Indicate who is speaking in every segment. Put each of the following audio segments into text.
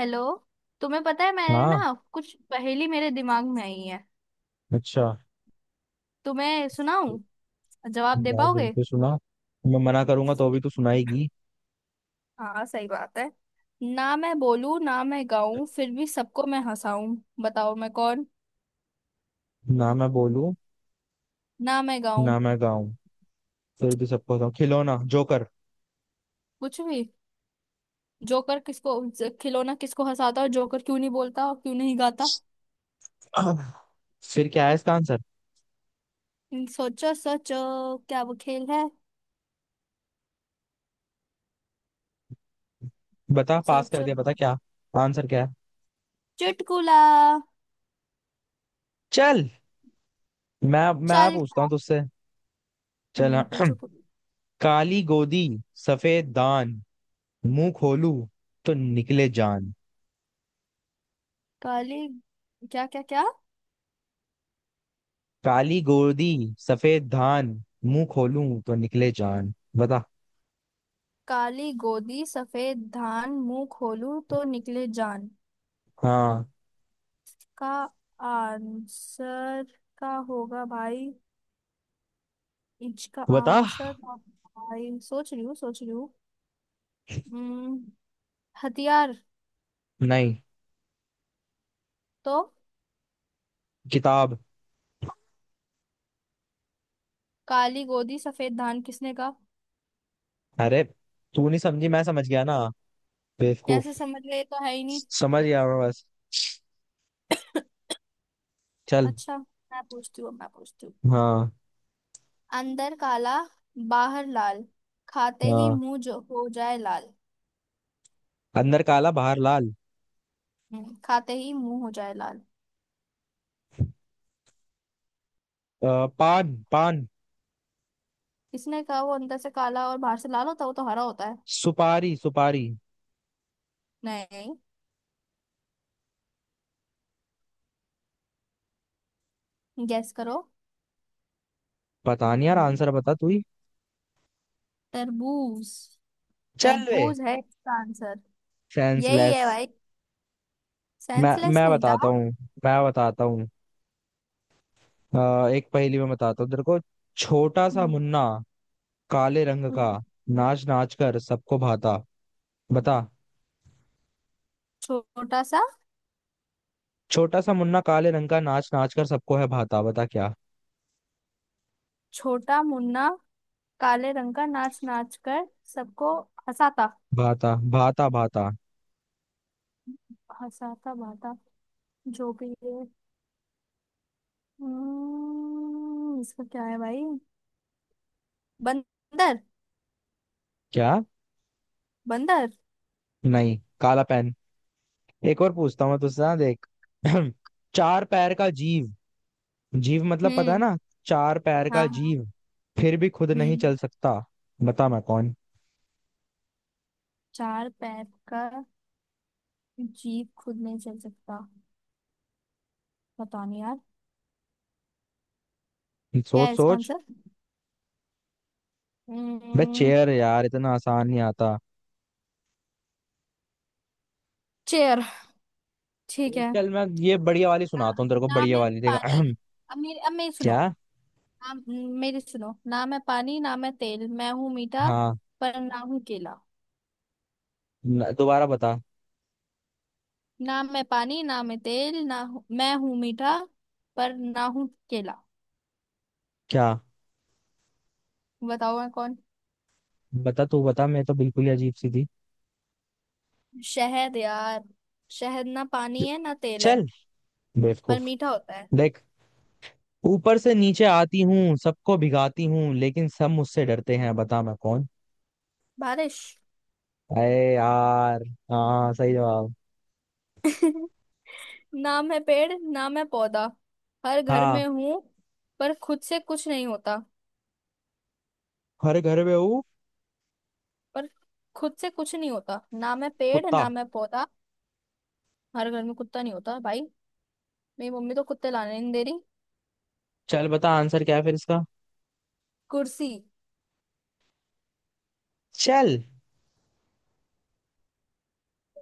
Speaker 1: Hello. तुम्हें पता है मैंने
Speaker 2: हाँ।
Speaker 1: ना कुछ पहेली मेरे दिमाग में आई है।
Speaker 2: अच्छा।
Speaker 1: तुम्हें सुनाऊं? जवाब दे
Speaker 2: यार
Speaker 1: पाओगे?
Speaker 2: बिल्कुल सुना। मैं मना करूंगा तो भी तू सुनाएगी।
Speaker 1: हाँ, सही बात है। ना मैं बोलूं ना मैं गाऊं फिर भी सबको मैं हंसाऊं। बताओ मैं कौन।
Speaker 2: ना मैं बोलूं
Speaker 1: ना मैं गाऊं।
Speaker 2: ना मैं गाऊं फिर भी सबको बताऊं खिलौना जोकर।
Speaker 1: कुछ भी। जोकर किसको खिलौना किसको हंसाता और जोकर क्यों नहीं बोलता और क्यों नहीं गाता?
Speaker 2: फिर क्या है इसका आंसर?
Speaker 1: सोचो सोचो, क्या वो खेल है।
Speaker 2: बता, पास कर
Speaker 1: सोचो।
Speaker 2: दिया, बता क्या। आंसर क्या है?
Speaker 1: चुटकुला।
Speaker 2: चल मैं
Speaker 1: चल।
Speaker 2: पूछता हूँ तुझसे। चल हाँ।
Speaker 1: पूछो पूछो।
Speaker 2: काली गोदी सफेद दान मुंह खोलू तो निकले जान।
Speaker 1: काली, क्या क्या क्या?
Speaker 2: काली गोदी सफेद धान मुंह खोलूं तो निकले जान, बता।
Speaker 1: काली गोदी सफेद धान मुंह खोलूं तो निकले जान।
Speaker 2: हाँ,
Speaker 1: का आंसर? का होगा भाई? इसका
Speaker 2: बता।
Speaker 1: आंसर का होगा भाई, सोच रही हूँ सोच रही हूँ। हम्म, हथियार।
Speaker 2: नहीं,
Speaker 1: तो?
Speaker 2: किताब।
Speaker 1: काली गोदी सफेद धान किसने कहा?
Speaker 2: अरे, तू नहीं समझी, मैं समझ गया ना,
Speaker 1: कैसे
Speaker 2: बेवकूफ।
Speaker 1: समझ गए, ये तो है ही नहीं।
Speaker 2: समझ गया मैं बस। चल।
Speaker 1: अच्छा, मैं पूछती हूँ मैं पूछती हूँ।
Speaker 2: हाँ
Speaker 1: अंदर काला बाहर लाल खाते ही
Speaker 2: हाँ।
Speaker 1: मुंह जो हो जाए लाल।
Speaker 2: अंदर काला बाहर लाल।
Speaker 1: खाते ही मुंह हो जाए लाल।
Speaker 2: पान पान।
Speaker 1: इसने कहा वो अंदर से काला और बाहर से लाल होता है, वो तो हरा होता है।
Speaker 2: सुपारी सुपारी।
Speaker 1: नहीं। गैस करो।
Speaker 2: पता नहीं यार,
Speaker 1: हम्म,
Speaker 2: आंसर बता तू ही।
Speaker 1: तरबूज।
Speaker 2: चल वे।
Speaker 1: तरबूज है इसका आंसर। यही
Speaker 2: सेंसलेस।
Speaker 1: है भाई।
Speaker 2: मैं
Speaker 1: सेंसलेस
Speaker 2: मैं
Speaker 1: नहीं था।
Speaker 2: बताता हूँ, मैं बताता हूँ। एक पहेली में बताता हूँ तेरे को। छोटा सा
Speaker 1: हम्म,
Speaker 2: मुन्ना काले रंग का
Speaker 1: हम्म।
Speaker 2: नाच नाच कर सबको भाता, बता।
Speaker 1: छोटा सा।
Speaker 2: छोटा सा मुन्ना काले रंग का नाच नाच कर सबको है भाता, बता क्या।
Speaker 1: छोटा मुन्ना काले रंग का नाच नाच कर सबको हंसाता।
Speaker 2: भाता भाता भाता।
Speaker 1: हंसाता बाता जो भी है। इसका क्या है भाई? बंदर।
Speaker 2: क्या?
Speaker 1: बंदर।
Speaker 2: नहीं, काला पेन। एक और पूछता हूँ मैं तुझसे, ना देख। चार पैर का जीव। जीव मतलब पता है
Speaker 1: हम्म।
Speaker 2: ना। चार पैर
Speaker 1: हाँ
Speaker 2: का
Speaker 1: हाँ।
Speaker 2: जीव फिर भी खुद नहीं
Speaker 1: हम्म।
Speaker 2: चल सकता, बता मैं कौन।
Speaker 1: चार पैर का जीप खुद नहीं चल सकता। पता नहीं यार। क्या
Speaker 2: सोच
Speaker 1: है इसका
Speaker 2: सोच।
Speaker 1: आंसर?
Speaker 2: बे
Speaker 1: हम्म,
Speaker 2: चेयर यार, इतना आसान नहीं आता।
Speaker 1: चेयर। ठीक
Speaker 2: एक
Speaker 1: है।
Speaker 2: चल मैं ये बढ़िया वाली
Speaker 1: ना,
Speaker 2: सुनाता हूँ तेरे को,
Speaker 1: ना
Speaker 2: बढ़िया
Speaker 1: मैं
Speaker 2: वाली, देखा।
Speaker 1: पानी। अब मेरी सुनो।
Speaker 2: क्या?
Speaker 1: ना मेरी सुनो। ना मैं पानी ना मैं तेल मैं हूँ मीठा
Speaker 2: हाँ।
Speaker 1: पर ना हूँ केला।
Speaker 2: दोबारा बता।
Speaker 1: ना मैं पानी ना मैं तेल मैं हूँ मीठा पर ना हूँ केला।
Speaker 2: क्या?
Speaker 1: बताओ मैं कौन?
Speaker 2: बता तू बता, मैं तो बिल्कुल ही अजीब सी थी।
Speaker 1: शहद यार। शहद ना पानी है ना तेल है
Speaker 2: चल
Speaker 1: पर
Speaker 2: बेवकूफ।
Speaker 1: मीठा होता है।
Speaker 2: देख, ऊपर से नीचे आती हूँ सबको भिगाती हूँ लेकिन सब मुझसे डरते हैं, बता मैं कौन।
Speaker 1: बारिश।
Speaker 2: अरे यार। हाँ सही जवाब।
Speaker 1: नाम है पेड़ नाम है पौधा, हर घर
Speaker 2: हाँ।
Speaker 1: में हूँ पर खुद से कुछ नहीं होता।
Speaker 2: हर घर में हूँ।
Speaker 1: पर खुद से कुछ नहीं होता, नाम है पेड़
Speaker 2: कुत्ता।
Speaker 1: नाम है पौधा। हर घर में कुत्ता नहीं होता भाई। मेरी मम्मी तो कुत्ते लाने नहीं दे रही।
Speaker 2: चल बता आंसर क्या है फिर इसका।
Speaker 1: कुर्सी।
Speaker 2: चल।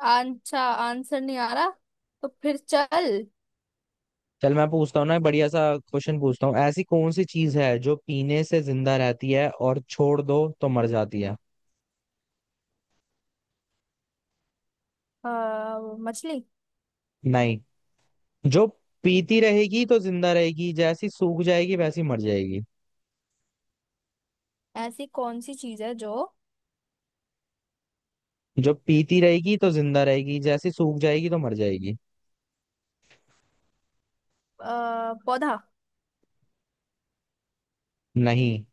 Speaker 1: अच्छा, आंसर नहीं आ रहा तो फिर चल।
Speaker 2: चल मैं पूछता हूँ ना एक बढ़िया सा क्वेश्चन पूछता हूँ, ऐसी कौन सी चीज है जो पीने से जिंदा रहती है और छोड़ दो तो मर जाती है।
Speaker 1: आ, मछली।
Speaker 2: नहीं। जो पीती रहेगी तो जिंदा रहेगी, जैसी सूख जाएगी वैसी मर जाएगी।
Speaker 1: ऐसी कौन सी चीज है जो
Speaker 2: जो पीती रहेगी तो जिंदा रहेगी, जैसी सूख जाएगी तो मर जाएगी।
Speaker 1: पौधा।
Speaker 2: नहीं।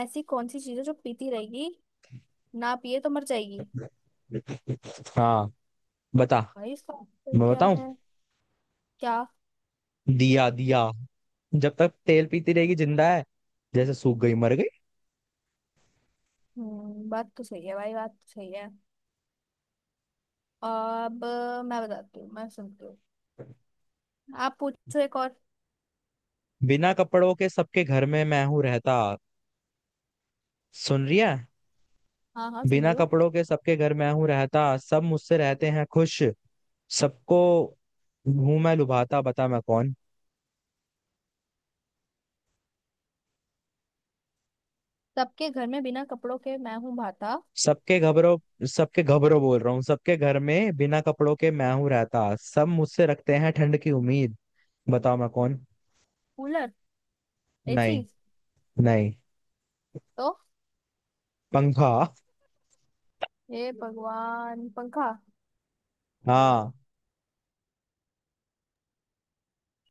Speaker 1: ऐसी कौन सी चीज है जो पीती रहेगी, ना पिए तो मर जाएगी।
Speaker 2: हाँ, बता।
Speaker 1: भाई इसका आंसर
Speaker 2: मैं
Speaker 1: क्या
Speaker 2: बताऊं,
Speaker 1: है? क्या?
Speaker 2: दिया दिया। जब तक तेल पीती रहेगी जिंदा है, जैसे सूख गई मर गई।
Speaker 1: बात तो सही है भाई, बात तो सही है। अब मैं बताती हूँ मैं सुनती हूँ। आप पूछो एक और।
Speaker 2: बिना कपड़ों के सबके घर में मैं हूं रहता। सुन रही है?
Speaker 1: हाँ हाँ, सुन
Speaker 2: बिना
Speaker 1: रही हूँ।
Speaker 2: कपड़ों के सबके घर मैं हूं रहता, सब मुझसे रहते हैं खुश, सबको हूं मैं लुभाता, बता मैं कौन।
Speaker 1: सबके घर में बिना कपड़ों के मैं हूँ भाता।
Speaker 2: सबके घबरो, सबके घबरो बोल रहा हूँ। सबके घर में बिना कपड़ों के मैं हूं रहता, सब मुझसे रखते हैं ठंड की उम्मीद। बताओ मैं कौन।
Speaker 1: कूलर। एसी।
Speaker 2: नहीं। नहीं,
Speaker 1: तो?
Speaker 2: पंखा।
Speaker 1: हे भगवान, पंखा?
Speaker 2: हाँ।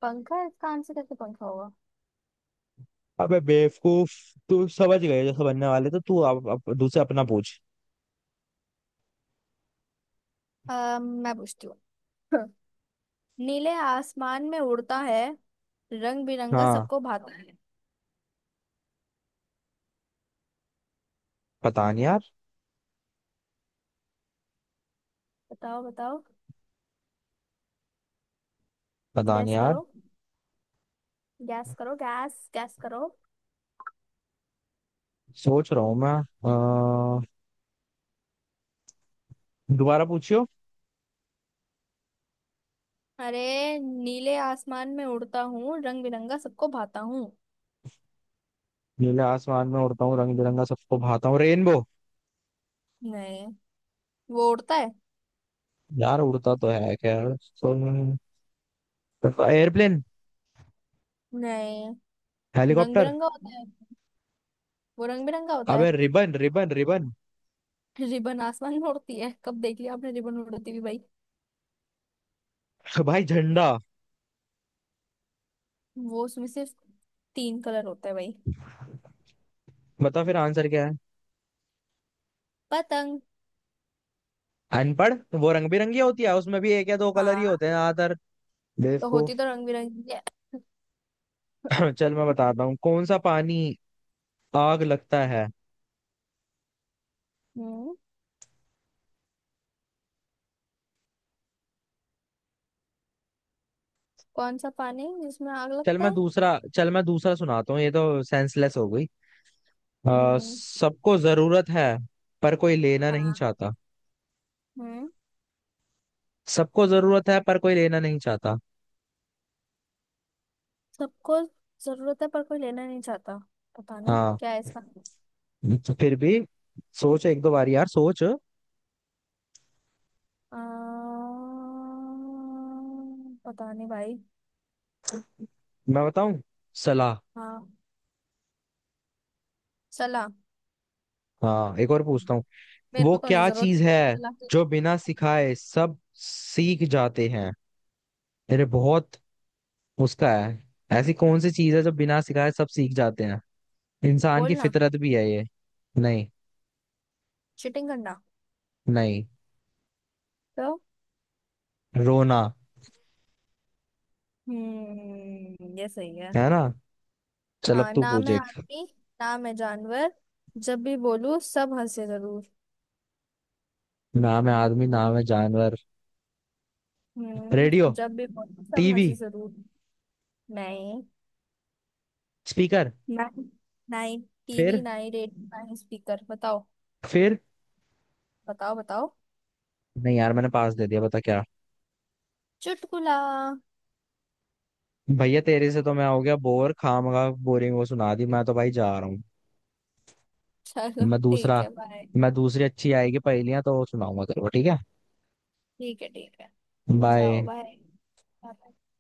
Speaker 1: पंखा इसका आंसर कैसे पंखा होगा?
Speaker 2: अबे बेवकूफ, तू समझ गए जैसे बनने वाले, तो तू अब दूसरे अपना पूछ।
Speaker 1: मैं पूछती हूँ। नीले आसमान में उड़ता है, रंग बिरंगा
Speaker 2: हाँ
Speaker 1: सबको भाता है।
Speaker 2: पता नहीं यार।
Speaker 1: बताओ बताओ।
Speaker 2: पता नहीं
Speaker 1: गैस
Speaker 2: यार।
Speaker 1: करो, गैस करो, गैस गैस करो।
Speaker 2: सोच रहा हूँ मैं। अ, दोबारा पूछियो।
Speaker 1: अरे, नीले आसमान में उड़ता हूँ रंग बिरंगा सबको भाता हूँ।
Speaker 2: नीले आसमान में उड़ता हूँ रंग बिरंगा सबको भाता हूँ, रेनबो।
Speaker 1: नहीं। वो उड़ता है।
Speaker 2: यार उड़ता तो है खैर, तो एयरप्लेन।
Speaker 1: नहीं। रंग
Speaker 2: हेलीकॉप्टर।
Speaker 1: बिरंगा होता है, वो रंग बिरंगा होता
Speaker 2: अबे
Speaker 1: है।
Speaker 2: Ribbon ribbon ribbon.
Speaker 1: रिबन आसमान में उड़ती है, कब देख लिया आपने रिबन उड़ती हुई भाई?
Speaker 2: भाई झंडा।
Speaker 1: वो उसमें सिर्फ तीन कलर होता है भाई।
Speaker 2: बता फिर आंसर क्या है।
Speaker 1: पतंग।
Speaker 2: अनपढ़। वो रंग बिरंगी होती है उसमें भी एक या दो कलर ही
Speaker 1: हाँ।
Speaker 2: होते हैं ज्यादातर।
Speaker 1: तो होती
Speaker 2: बेवकूफ।
Speaker 1: तो रंग बिरंगी है।
Speaker 2: चल मैं बताता हूँ, कौन सा पानी आग लगता है।
Speaker 1: हम्म। कौन सा पानी जिसमें आग
Speaker 2: चल
Speaker 1: लगता
Speaker 2: मैं
Speaker 1: है?
Speaker 2: दूसरा, चल मैं दूसरा सुनाता हूँ, ये तो सेंसलेस हो गई।
Speaker 1: हम्म।
Speaker 2: सबको जरूरत है पर कोई लेना नहीं
Speaker 1: हाँ।
Speaker 2: चाहता।
Speaker 1: हम्म।
Speaker 2: सबको जरूरत है पर कोई लेना नहीं चाहता।
Speaker 1: सबको जरूरत है पर कोई लेना नहीं चाहता, पता नहीं
Speaker 2: हाँ।
Speaker 1: क्या है इसका।
Speaker 2: तो फिर भी सोच एक दो बार यार, सोच।
Speaker 1: आ, पता नहीं भाई।
Speaker 2: मैं बताऊं, सलाह।
Speaker 1: हाँ। सलाह।
Speaker 2: हाँ एक और पूछता हूँ।
Speaker 1: मेरे
Speaker 2: वो
Speaker 1: को तो नहीं
Speaker 2: क्या
Speaker 1: जरूरत
Speaker 2: चीज है
Speaker 1: सलाह।
Speaker 2: जो बिना सिखाए सब सीख जाते हैं, मेरे बहुत उसका है। ऐसी कौन सी चीज है जो बिना सिखाए सब सीख जाते हैं, इंसान की
Speaker 1: बोलना।
Speaker 2: फितरत भी है ये। नहीं।
Speaker 1: चीटिंग करना।
Speaker 2: नहीं,
Speaker 1: तो?
Speaker 2: रोना।
Speaker 1: ये सही है।
Speaker 2: है ना। चल अब
Speaker 1: हाँ।
Speaker 2: तू
Speaker 1: ना
Speaker 2: पूछ
Speaker 1: मैं
Speaker 2: एक।
Speaker 1: आदमी ना मैं जानवर जब भी बोलूं सब हंसे जरूर।
Speaker 2: नाम है आदमी नाम है जानवर। रेडियो,
Speaker 1: जब भी बोलूं सब
Speaker 2: टीवी,
Speaker 1: हंसे जरूर। नहीं।
Speaker 2: स्पीकर।
Speaker 1: ना, ना ही टीवी
Speaker 2: फिर?
Speaker 1: ना ही रेडियो ना ही स्पीकर, बताओ।
Speaker 2: फिर?
Speaker 1: बताओ बताओ।
Speaker 2: नहीं यार, मैंने पास दे दिया, बता क्या।
Speaker 1: चुटकुला।
Speaker 2: भैया तेरे से तो मैं हो गया बोर, खामगा बोरिंग वो सुना दी, मैं तो भाई जा रहा हूँ।
Speaker 1: चलो
Speaker 2: मैं
Speaker 1: ठीक
Speaker 2: दूसरा,
Speaker 1: है बाय।
Speaker 2: मैं दूसरी अच्छी आएगी पहेलियां तो वो सुनाऊंगा तेरे को, ठीक है।
Speaker 1: ठीक है ठीक है। जाओ
Speaker 2: बाय।
Speaker 1: बाय।